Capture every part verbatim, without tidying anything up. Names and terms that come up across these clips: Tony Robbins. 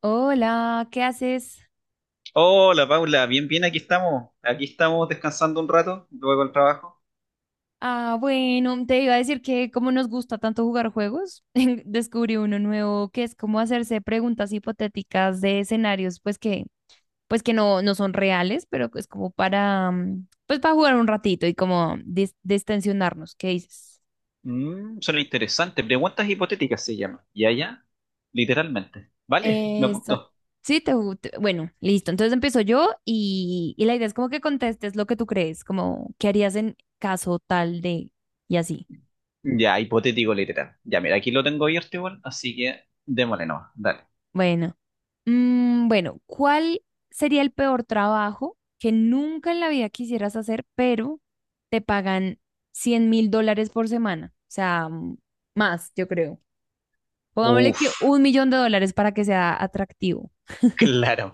Hola, ¿qué haces? Hola Paula, bien, bien, aquí estamos. Aquí estamos descansando un rato, luego del trabajo. Ah, bueno, te iba a decir que como nos gusta tanto jugar juegos, descubrí uno nuevo que es como hacerse preguntas hipotéticas de escenarios, pues que, pues que no, no son reales, pero es como para, mm, pues para jugar un ratito y como dis- distensionarnos. ¿Qué dices? Mm, suena interesante. Preguntas hipotéticas se llama. Ya, ya. Literalmente. ¿Vale? ¿Me Exacto. apunto? Sí, te, gu- te- bueno, listo. Entonces empiezo yo y, y la idea es como que contestes lo que tú crees, como qué harías en caso tal de y así. Ya, hipotético literal. Ya, mira, aquí lo tengo abierto igual, así que démosle nomás. Dale. Bueno, mm, bueno, ¿cuál sería el peor trabajo que nunca en la vida quisieras hacer, pero te pagan cien mil dólares por semana? O sea, mm, más, yo creo. Pongámosle que Uf, un millón de dólares para que sea atractivo. claro.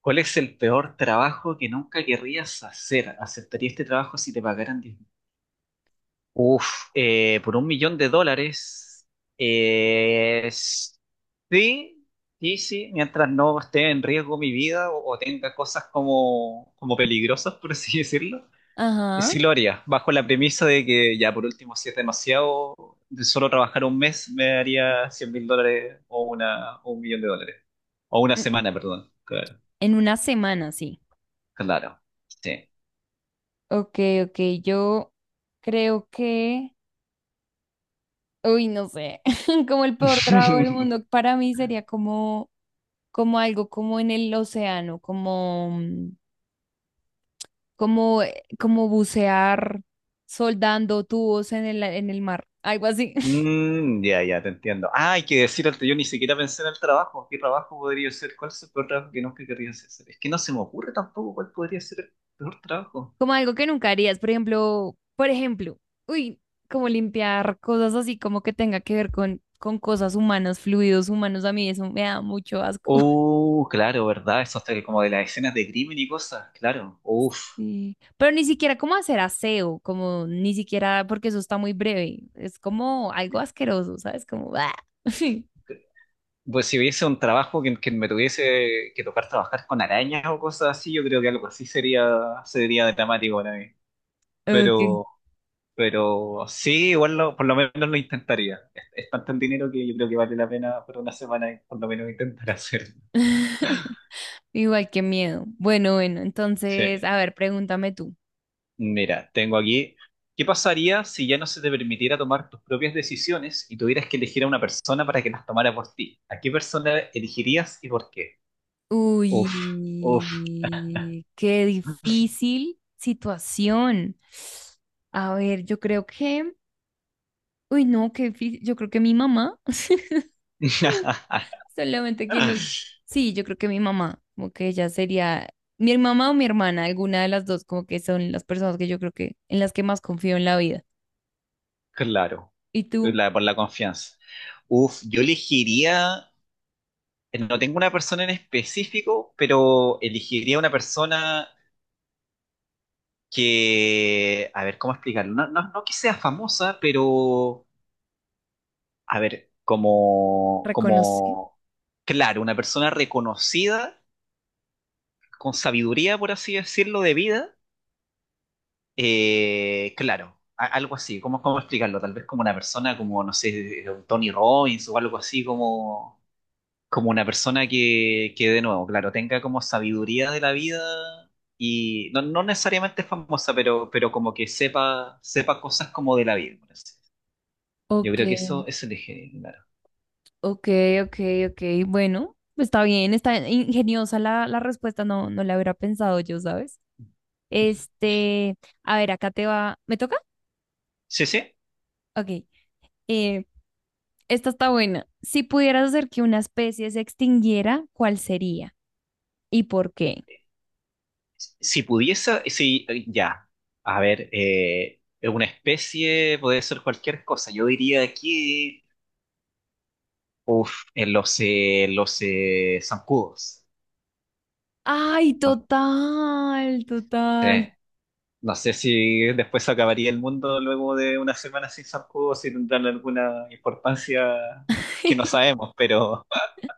¿Cuál es el peor trabajo que nunca querrías hacer? ¿Aceptarías este trabajo si te pagaran diez? Uf, eh, por un millón de dólares. eh, sí, sí, sí, mientras no esté en riesgo mi vida o, o tenga cosas como, como peligrosas, por así decirlo. Y Ajá. sí lo haría, bajo la premisa de que ya por último, si es demasiado, de solo trabajar un mes me daría cien mil dólares o, una, o un millón de dólares. O una Mm, semana, perdón. Claro, En una semana, sí. claro, sí. Ok, ok, yo creo que... Uy, no sé, como el peor trago del mundo, para mí sería como, como algo como en el océano, como, mm, como, eh, como bucear soldando tubos en el, en el mar, algo así, Mm, ya, ya, te entiendo. Ah, hay que decir antes, yo ni siquiera pensé en el trabajo. ¿Qué trabajo podría ser? ¿Cuál es el peor trabajo que nunca querría hacer? Es que no se me ocurre tampoco cuál podría ser el peor trabajo. como algo que nunca harías, por ejemplo, por ejemplo, uy, como limpiar cosas así como que tenga que ver con, con cosas humanas, fluidos humanos, a mí eso me da mucho asco. Oh, claro, ¿verdad? Eso hasta como de las escenas de crimen y cosas, claro. Uf. Sí. Pero ni siquiera como hacer aseo, como ni siquiera porque eso está muy breve. Es como algo asqueroso, ¿sabes? Como... ¡ah! Pues si hubiese un trabajo que, que me tuviese que tocar trabajar con arañas o cosas así, yo creo que algo así sería, sería dramático para mí. Ok. Pero Pero sí, igual lo- por lo menos lo intentaría. Es, es tanto el dinero que yo creo que vale la pena por una semana por lo menos intentar hacerlo. Igual que miedo. Bueno, bueno, Sí. entonces, a ver, pregúntame tú. Mira, tengo aquí. ¿Qué pasaría si ya no se te permitiera tomar tus propias decisiones y tuvieras que elegir a una persona para que las tomara por ti? ¿A qué persona elegirías y por qué? Uf, uf. Uy, qué difícil situación. A ver, yo creo que, uy, no, qué difícil. Yo creo que mi mamá. Solamente que no. Sí, yo creo que mi mamá, como que ella sería mi mamá o mi hermana, alguna de las dos, como que son las personas que yo creo que en las que más confío en la vida. Claro, ¿Y tú la- por la confianza. Uf, yo elegiría, no tengo una persona en específico, pero elegiría una persona que, a ver, ¿cómo explicarlo? No, no, no que sea famosa, pero, a ver, como, reconocí? como, claro, una persona reconocida, con sabiduría, por así decirlo, de vida, eh, claro, a- algo así, ¿cómo, cómo explicarlo? Tal vez como una persona como, no sé, eh, un Tony Robbins o algo así, como, como una persona que, que, de nuevo, claro, tenga como sabiduría de la vida. Y no, no necesariamente famosa, pero, pero como que sepa, sepa cosas como de la vida, por así. Yo Ok, creo que eso, eso elegí, claro. ok, ok, ok. Bueno, está bien, está ingeniosa la, la respuesta, no, no la hubiera pensado yo, ¿sabes? Este, a ver, acá te va. ¿Me toca? Sí, sí. Ok. Eh, esta está buena. Si pudieras hacer que una especie se extinguiera, ¿cuál sería? ¿Y por qué? Si pudiese, sí, eh, ya. A ver, eh, una especie puede ser cualquier cosa. Yo diría aquí en los, eh, los eh, zancudos. Ay, No total, total. sé, no sé si después acabaría el mundo luego de una semana sin zancudos, si tendrán alguna importancia que no sabemos, pero,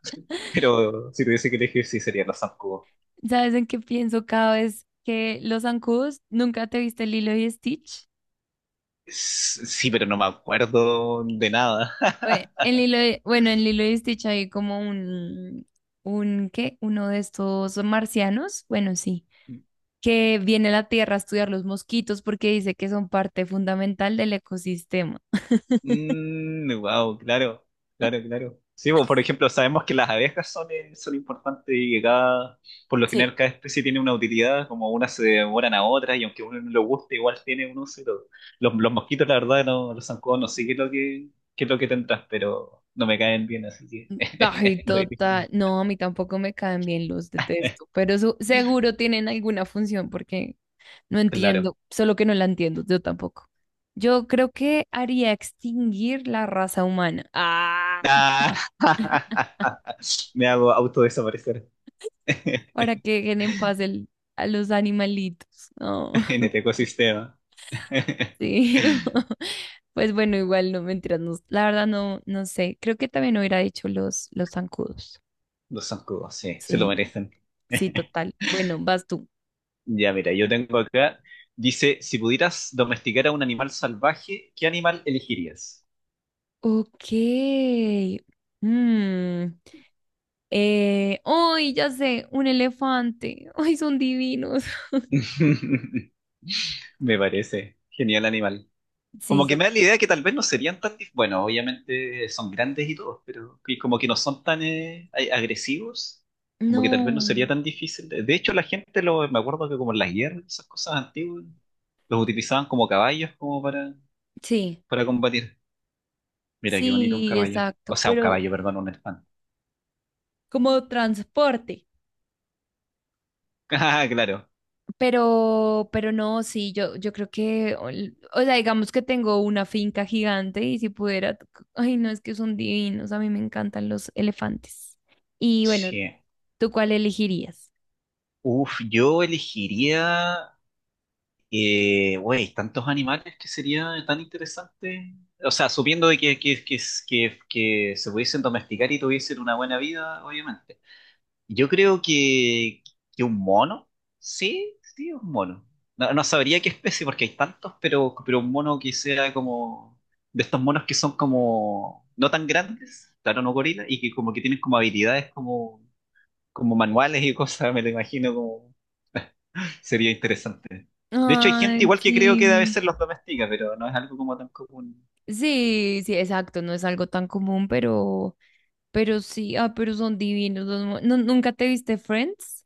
pero si tuviese que elegir, sí serían los zancudos. ¿Sabes en qué pienso cada vez que los zancudos? ¿Nunca te viste Lilo y Stitch? S- Sí, pero no me acuerdo de nada. Bue- En Lilo y- bueno, en Lilo y Stitch hay como un, un, ¿qué? Uno de estos marcianos, bueno, sí, que viene a la Tierra a estudiar los mosquitos porque dice que son parte fundamental del ecosistema. Wow, claro, claro, claro. Sí, pues, por ejemplo, sabemos que las abejas son, eh, son importantes y que cada, por lo Sí. general, cada especie tiene una utilidad, como unas se devoran a otras, y aunque uno no lo guste, igual tiene un uso y todo. Los, los mosquitos, la verdad, no, los zancudos, no sé qué es lo que, qué es lo que tendrás, pero no me caen bien, así que Ay, lo dije. total. No, a mí tampoco me caen bien, los detesto, pero su- seguro tienen alguna función porque no Claro. entiendo, solo que no la entiendo, yo tampoco. Yo creo que haría extinguir la raza humana. Ah, Ah, me hago autodesaparecer en para que dejen en paz el- a los animalitos. No, este ecosistema. sí. Pues bueno, igual no mentiras, no- la verdad no, no sé. Creo que también hubiera dicho los, los zancudos. Los zancudos, sí, se lo Sí, merecen. sí, total. Bueno, vas tú. Ya, mira, yo tengo acá, dice, si pudieras domesticar a un animal salvaje, ¿qué animal elegirías? Ok. Mm. Eh, ¡ay, ya sé! Un elefante. ¡Ay, son divinos! Me parece genial animal. Sí, Como que ya. me da la idea que tal vez no serían. tan... dif- Bueno, obviamente son grandes y todos, pero que como que no son tan eh, a- agresivos, como que tal vez no sería No. tan difícil. De de hecho, la gente, lo, me acuerdo que como en las guerras, esas cosas antiguas, los utilizaban como caballos como para, Sí, para combatir. Mira, qué bonito un sí, caballo. exacto, O sea, un pero caballo, perdón, un elefante. como transporte. Ah, claro. Pero, pero no, sí, yo, yo creo que, ol- o sea, digamos que tengo una finca gigante y si pudiera, t- ay, no, es que son divinos, a mí me encantan los elefantes. Y bueno, Sí. ¿tú cuál elegirías? Uf, yo elegiría, eh, güey, tantos animales que sería tan interesante. O sea, supiendo de que, que, que, que, que se pudiesen domesticar y tuviesen una buena vida, obviamente. Yo creo que, que un mono, sí, sí, un mono. No, no sabría qué especie porque hay tantos, pero, pero un mono que sea como de estos monos que son como no tan grandes, claro, no gorilas, y que como que tienen como habilidades como, como manuales y cosas, me lo imagino como. Sería interesante. De hecho, hay gente Ay, igual que creo que a sí. veces los domestica, pero no es algo como tan común. Sí, sí, exacto, no es algo tan común, pero, pero, sí, ah, pero son divinos. los mo- ¿Nu- ¿Nunca te viste Friends?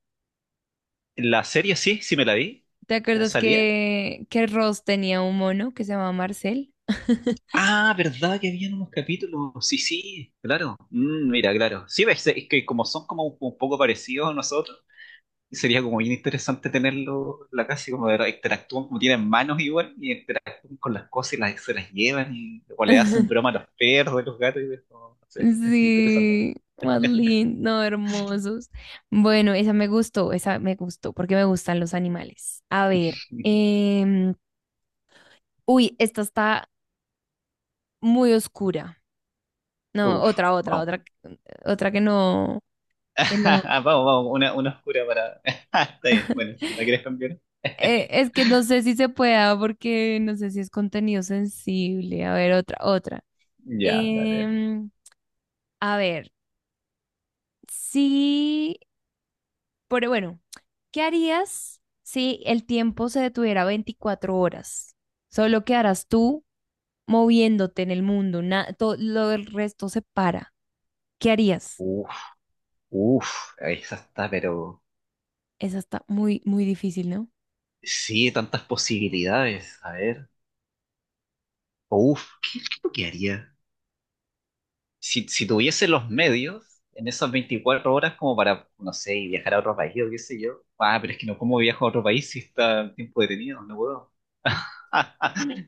La serie sí, sí me la vi. ¿Te ¿Ya acuerdas salía? que, que Ross tenía un mono que se llamaba Marcel? Ah, ¿verdad que habían unos capítulos? Sí, sí, claro. Mm, mira, claro. Sí, ves, es que como son como un, un poco parecidos a nosotros, sería como bien interesante tenerlo en la casa y como ver, interactúan, como tienen manos igual, y interactúan con las cosas y las, se las llevan, y, o le hacen broma a los perros, a los gatos, y es como, no sé, interesante. Sí, más lindo, hermosos. Bueno, esa me gustó, esa me gustó, porque me gustan los animales. A ver, em, uy, esta está muy oscura. No, Uf. otra, otra, Vamos. otra, otra que no, que no. Vamos, vamos, una, una oscura para. Está bien, bueno, si la quieres cambiar. Eh, es que no sé si se pueda, porque no sé si es contenido sensible. A ver, otra, otra. Ya, dale. Em, a ver, sí. Pero bueno, ¿qué harías si el tiempo se detuviera veinticuatro horas? Solo quedarás tú moviéndote en el mundo, na- todo lo del resto se para. ¿Qué harías? Uf, uf, esa está, pero. Esa está muy, muy difícil, ¿no? Sí, tantas posibilidades. A ver. Uf, ¿qué es lo que haría? Si, si tuviese los medios en esas veinticuatro horas como para, no sé, viajar a otro país o qué sé yo. Ah, pero es que no, ¿cómo viajo a otro país si está el tiempo detenido? No puedo.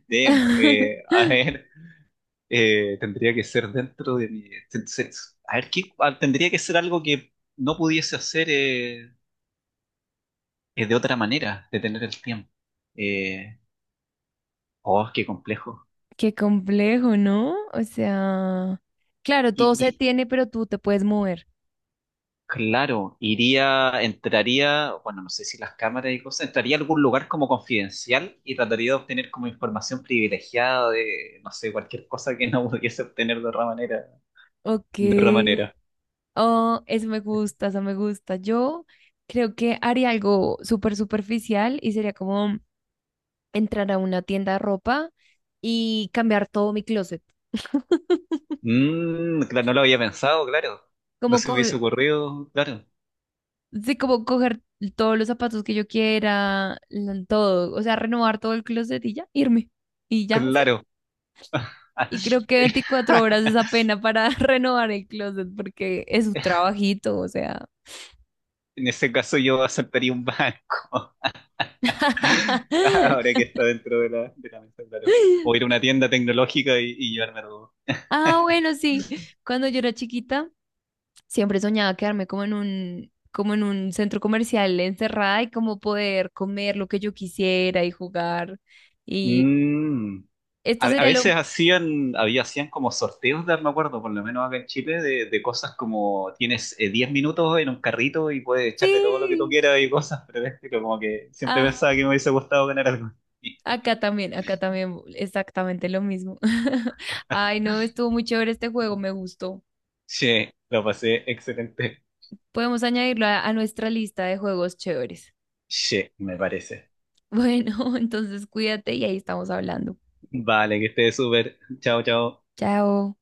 Damn, eh, a ver. Eh, tendría que ser dentro de mi... se- se- A ver, ¿qué, a- tendría que ser algo que no pudiese hacer eh, eh, de otra manera, de tener el tiempo. Eh, oh, qué complejo. Qué complejo, ¿no? O sea, claro, todo Y, se y tiene, pero tú te puedes mover. claro, iría, entraría, bueno, no sé si las cámaras y cosas, entraría a algún lugar como confidencial y trataría de obtener como información privilegiada de, no sé, cualquier cosa que no pudiese obtener de otra manera. Ok. De otra manera. Oh, eso me gusta, eso me gusta. Yo creo que haría algo súper superficial y sería como entrar a una tienda de ropa y cambiar todo mi closet. Mm, claro, no lo había pensado, claro. No Como se me coger, hubiese ocurrido, claro. sí, como coger todos los zapatos que yo quiera, l- todo, o sea, renovar todo el closet y ya, irme. Y ya, o sea, Claro. y creo que veinticuatro horas es apenas para renovar el closet porque es un trabajito, o sea. En ese caso yo aceptaría un banco, ahora que está dentro de la, de la mesa, claro. O ir a una tienda tecnológica y, y llevarme algo. Ah, bueno, sí. Cuando yo era chiquita, Siempre soñaba quedarme como en un, como en un centro comercial encerrada y como poder comer lo que yo quisiera y jugar. Y Mm. A, esto a sería lo... veces hacían, había, hacían como sorteos de, me acuerdo, por lo menos acá en Chile, de, de cosas como tienes eh, diez minutos en un carrito y puedes echarle todo lo que tú Sí, quieras y cosas, pero es que como que siempre pensaba ah, que me hubiese gustado ganar algo. acá también, acá también, exactamente lo mismo. Ay, no, estuvo muy chévere este juego, me gustó. Sí, lo pasé excelente. Podemos añadirlo a, a nuestra lista de juegos chéveres. Sí, me parece. Bueno, entonces cuídate y ahí estamos hablando. Vale, que estés súper. Chao, chao. Chao.